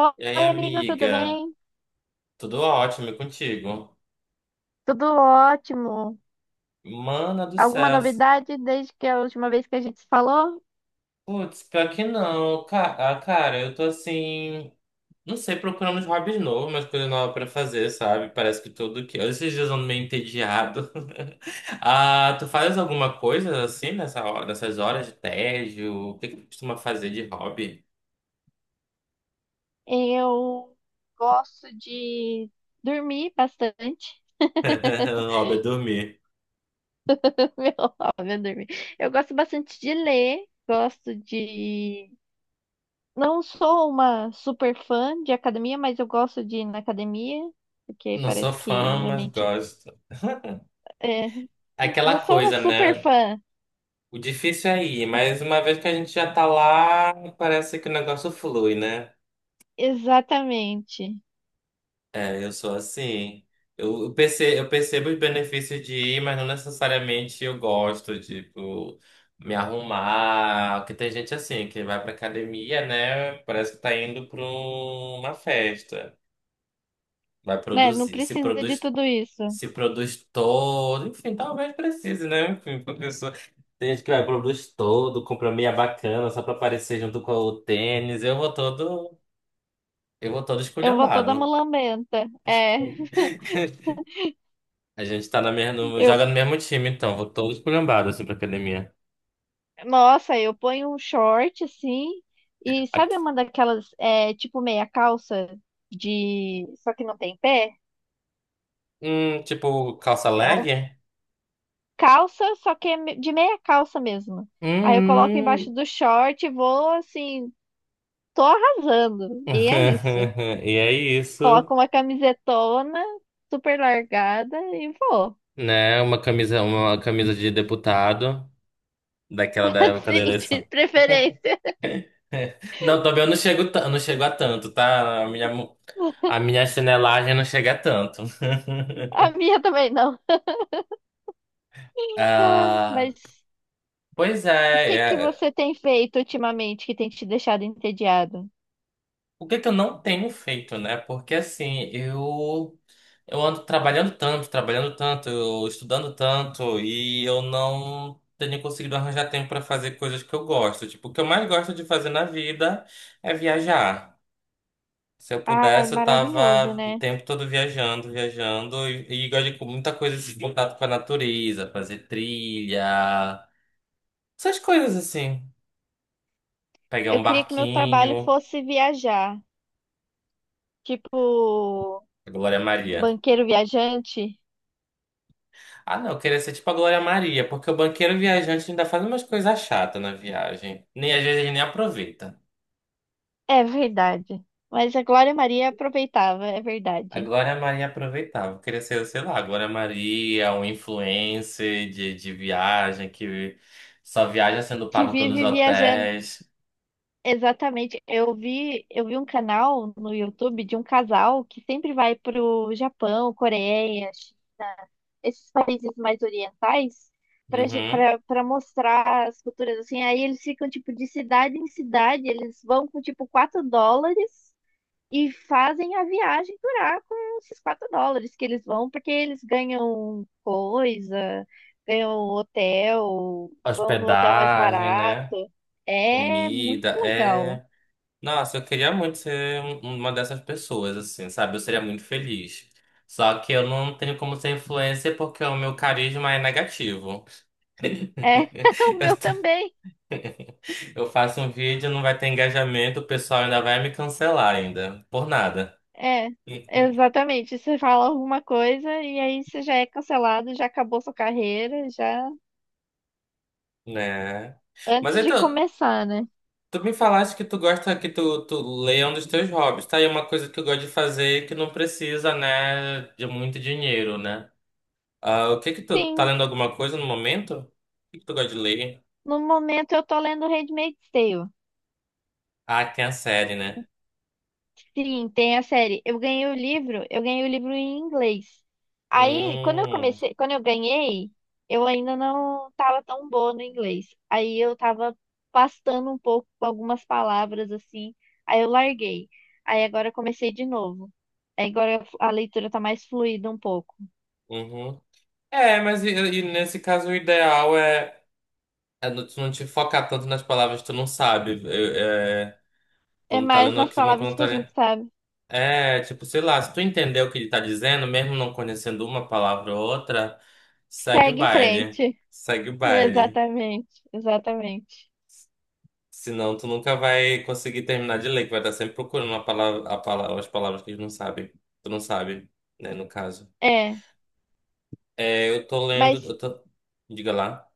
Oi, E aí, amigo, tudo amiga? bem? Tudo ótimo e contigo? Tudo ótimo. Mana do Alguma céu. novidade desde que a última vez que a gente se falou? Putz, pior que não. Cara, eu tô assim. Não sei, procurando uns hobbies novos, umas coisas novas pra fazer, sabe? Parece que tudo que. Esses dias eu ando meio entediado. Ah, tu faz alguma coisa assim nessa hora, nessas horas de tédio? O que que tu costuma fazer de hobby? Eu gosto de dormir bastante. O hobby é dormir. Meu, óbvio, dormir. Eu gosto bastante de ler, gosto de. Não sou uma super fã de academia, mas eu gosto de ir na academia, porque Não sou parece que a fã, minha mas mente. gosto. É, Aquela não sou uma coisa, super né? fã. O difícil é ir, mas uma vez que a gente já tá lá, parece que o negócio flui, né? Exatamente. É, eu sou assim. Eu percebo os benefícios de ir, mas não necessariamente eu gosto, tipo, me arrumar. Porque tem gente assim, que vai pra academia, né? Parece que tá indo pra uma festa. Vai Né? Não produzir, se precisa de produz tudo isso. se produz todo, enfim, talvez precise, né? Enfim, pra pessoa. Tem gente que vai, produz todo, compra meia bacana só pra aparecer junto com o tênis. Eu vou todo Eu vou toda esculhambado. mulambenta. É, A gente tá na mesma, eu, joga no mesmo time, então, vou todo esculhambado assim pra academia. nossa, eu ponho um short assim e Aqui- sabe uma daquelas é, tipo meia calça de, só que não tem pé? Tipo, calça É leg? um calça, só que é de meia calça mesmo. Aí eu coloco embaixo Hum. do short e vou assim, tô arrasando. E é isso. E é isso, Coloco uma camisetona super largada e vou. né? Uma camisa de deputado, daquela da época da Assim, de eleição. preferência. Não, também eu não chego, eu não chego a tanto, tá? A minha, a minha chinelagem não chega a tanto. A minha também não. Ah, Mas pois e o é, que que é. você tem feito ultimamente que tem te deixado entediado? O que que eu não tenho feito, né? Porque assim, eu ando trabalhando tanto, eu estudando tanto e eu não tenho conseguido arranjar tempo para fazer coisas que eu gosto. Tipo, o que eu mais gosto de fazer na vida é viajar. Se eu Ai, pudesse, eu maravilhoso, tava o né? tempo todo viajando, viajando e gosto de com muita coisa de contato com a natureza, fazer trilha, essas coisas assim. Pegar Eu um queria que meu trabalho barquinho, fosse viajar, tipo a Glória Maria. banqueiro viajante. Ah, não, eu queria ser tipo a Glória Maria, porque o banqueiro viajante ainda faz umas coisas chatas na viagem. Nem às vezes ele nem aproveita. É verdade. Mas a Glória Maria aproveitava, é A verdade. Glória Maria aproveitava. Eu queria ser, sei lá, a Glória Maria, um influencer de viagem que só viaja sendo Que pago pelos vive viajando. hotéis. Exatamente. Eu vi um canal no YouTube de um casal que sempre vai pro Japão, Coreia, esses países mais orientais Uhum. para mostrar as culturas assim. Aí eles ficam tipo de cidade em cidade, eles vão com tipo 4 dólares e fazem a viagem durar com esses 4 dólares que eles vão, porque eles ganham coisa, ganham hotel, vão no hotel mais Hospedagem, né? barato. É muito Comida, legal. é. Nossa, eu queria muito ser uma dessas pessoas, assim, sabe? Eu seria muito feliz. Só que eu não tenho como ser influencer porque o meu carisma é negativo. É, o Eu meu t- também. eu faço um vídeo, não vai ter engajamento, o pessoal ainda vai me cancelar ainda, por nada, É, exatamente. Você fala alguma coisa e aí você já é cancelado, já acabou sua carreira, já né? Mas antes de então, começar, né? tu me falaste que tu gosta que tu leia um dos teus hobbies, tá? E uma coisa que eu gosto de fazer que não precisa, né, de muito dinheiro, né? Ah, o que que tu tá Sim, lendo alguma coisa no momento? O que que tu gosta de ler? no momento eu tô lendo Handmaid's Tale. Ah, tem a série, né? Sim, tem a série. Eu ganhei o livro, eu ganhei o livro em inglês. Aí, quando eu Hum, comecei, quando eu ganhei, eu ainda não tava tão boa no inglês. Aí eu tava pastando um pouco com algumas palavras assim, aí eu larguei. Aí agora eu comecei de novo. Aí agora a leitura tá mais fluida um pouco. uhum. É, mas e nesse caso o ideal é, é tu não te focar tanto nas palavras que tu não sabe. É Quando tá mais lendo nas aqui uma palavras quando que tá a lendo... gente sabe. É, tipo, sei lá, se tu entender o que ele tá dizendo, mesmo não conhecendo uma palavra ou outra, segue o Segue em baile. frente. Segue o baile. Exatamente, exatamente. Senão tu nunca vai conseguir terminar de ler, que vai estar sempre procurando a palavra, as palavras que eles não sabem. Tu não sabe, né, no caso. É, É, eu tô lendo, mas eu tô... Diga lá.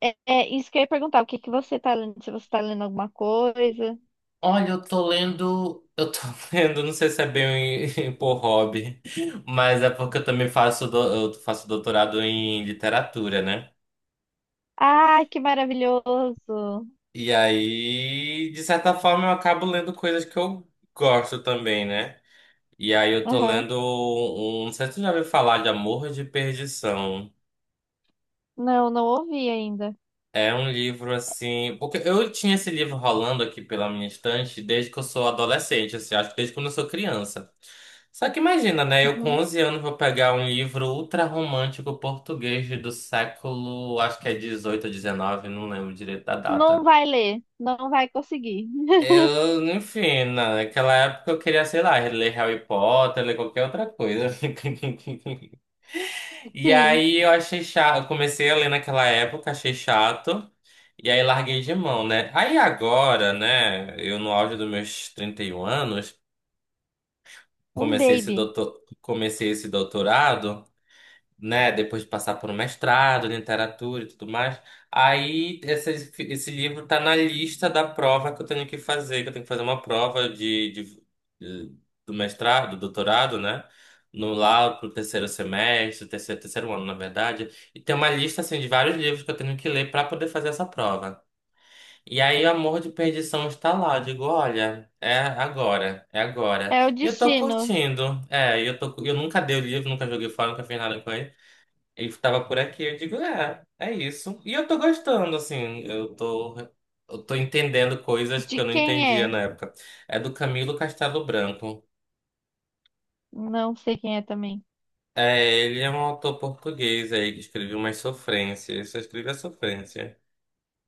é, é isso que eu ia perguntar, o que que você tá lendo? Se você tá lendo alguma coisa. Olha, eu tô lendo, eu tô lendo, não sei se é bem por hobby, mas é porque eu também faço, eu faço doutorado em literatura, né? Ah, que maravilhoso! E aí, de certa forma, eu acabo lendo coisas que eu gosto também, né? E aí eu tô Aham. lendo um não sei se tu já ouviu falar de Amor de Perdição. Não, não ouvi ainda. É um livro assim. Porque eu tinha esse livro rolando aqui pela minha estante desde que eu sou adolescente, assim, acho que desde quando eu sou criança. Só que imagina, né? Eu com Uhum. 11 anos vou pegar um livro ultra romântico português do século, acho que é 18 ou 19, não lembro direito da Não data. vai ler, não vai conseguir. Eu, enfim, naquela época eu queria, sei lá, ler Harry Potter, ler qualquer outra coisa. E Sim, aí eu achei chato, eu comecei a ler naquela época, achei chato, e aí larguei de mão, né? Aí agora, né, eu no auge dos meus 31 anos, um comecei esse baby. doutor, comecei esse doutorado, né, depois de passar por um mestrado, em literatura e tudo mais. Aí esse livro tá na lista da prova que eu tenho que fazer, que eu tenho que fazer uma prova de- do mestrado, do doutorado, né? No lá pro terceiro semestre, terceiro ano, na verdade. E tem uma lista assim de vários livros que eu tenho que ler para poder fazer essa prova. E aí o Amor de Perdição está lá. Eu digo, olha, é agora, é agora. É o E eu tô destino. curtindo. É, e eu tô, eu nunca dei o livro, nunca joguei fora, nunca fiz nada com ele. Ele tava por aqui, eu digo, é, é isso. E eu tô gostando, assim, eu tô entendendo coisas que De eu não quem entendia é? na época. É do Camilo Castelo Branco. Não sei quem é também. É, ele é um autor português aí que escreveu umas sofrências. Ele só escreve a sofrência.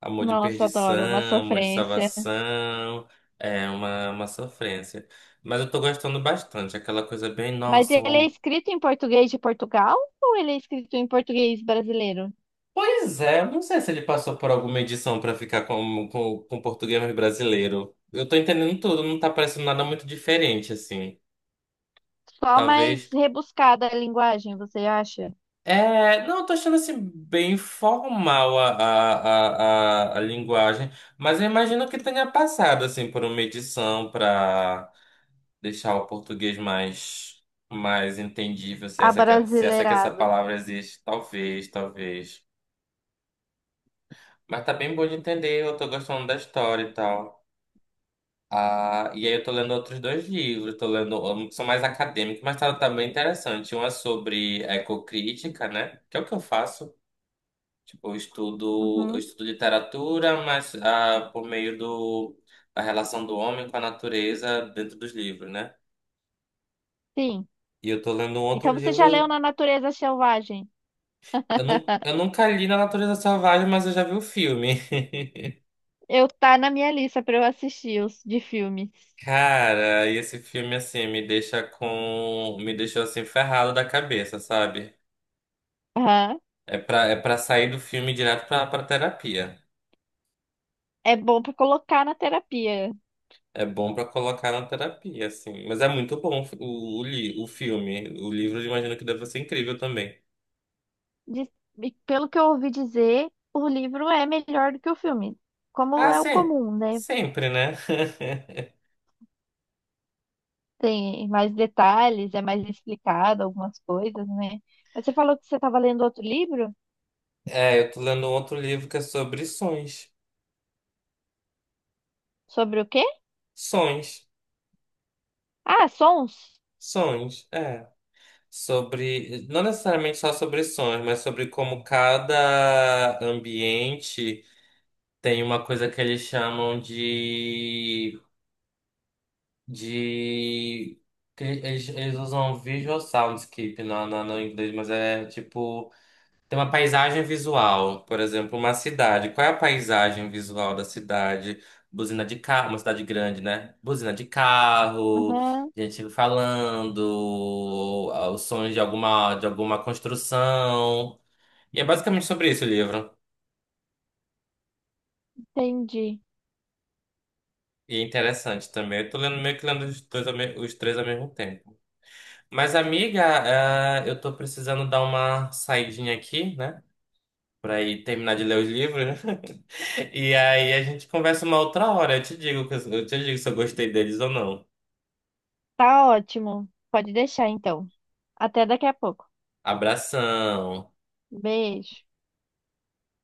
Amor de Nossa, adoro, uma perdição, amor de sofrência. salvação. É uma sofrência. Mas eu tô gostando bastante. Aquela coisa bem, Mas nossa, um ele é amor. escrito em português de Portugal ou ele é escrito em português brasileiro? Pois é, não sei se ele passou por alguma edição pra ficar com português mais brasileiro. Eu tô entendendo tudo, não tá parecendo nada muito diferente, assim. Só mais Talvez. rebuscada a linguagem, você acha? É, não, eu tô achando assim bem formal a linguagem, mas eu imagino que tenha passado assim por uma edição para deixar o português mais, mais entendível, se essa, que essa Abrasileirado. palavra existe, talvez. Mas tá bem bom de entender, eu tô gostando da história e tal. Ah, e aí eu tô lendo outros dois livros, tô lendo um que são mais acadêmicos, mas tá também interessante. Um é sobre ecocrítica, né? Que é o que eu faço. Tipo, eu Uhum. estudo literatura, mas ah, por meio da relação do homem com a natureza dentro dos livros, né? Sim. E eu tô lendo um outro Então você já leu livro. Na Natureza Selvagem? Eu, não, eu nunca li Na Natureza Selvagem, mas eu já vi o filme. Eu tá na minha lista para eu assistir os de filmes. Cara, e esse filme assim me deixa com. Me deixou assim ferrado da cabeça, sabe? Aham. É pra sair do filme direto pra terapia. É bom para colocar na terapia. É bom pra colocar na terapia, assim. Mas é muito bom o filme. O livro, eu imagino que deve ser incrível também. Diz- e pelo que eu ouvi dizer, o livro é melhor do que o filme, como Ah, é o sim. comum, né? Sempre, né? Tem mais detalhes, é mais explicado algumas coisas, né? Mas você falou que você estava lendo outro livro? É, eu tô lendo outro livro que é sobre sonhos. Sobre o quê? Sonhos. Ah, sons. Sonhos, é. Sobre, não necessariamente só sobre sonhos, mas sobre como cada ambiente tem uma coisa que eles chamam de de. Que Eles usam visual soundscape no inglês, mas é tipo. Tem uma paisagem visual, por exemplo, uma cidade. Qual é a paisagem visual da cidade? Buzina de carro, uma cidade grande, né? Buzina de carro, Aham, gente falando, ah, os sons de alguma construção. E é basicamente sobre isso o livro. entendi. E é interessante também. Eu tô lendo meio que lendo os dois, os três ao mesmo tempo. Mas, amiga, ah, eu tô precisando dar uma saidinha aqui, né? Pra ir terminar de ler os livros. E aí a gente conversa uma outra hora. Eu te digo, eu te digo se eu gostei deles ou não. Tá ótimo. Pode deixar então. Até daqui a pouco. Abração. Beijo.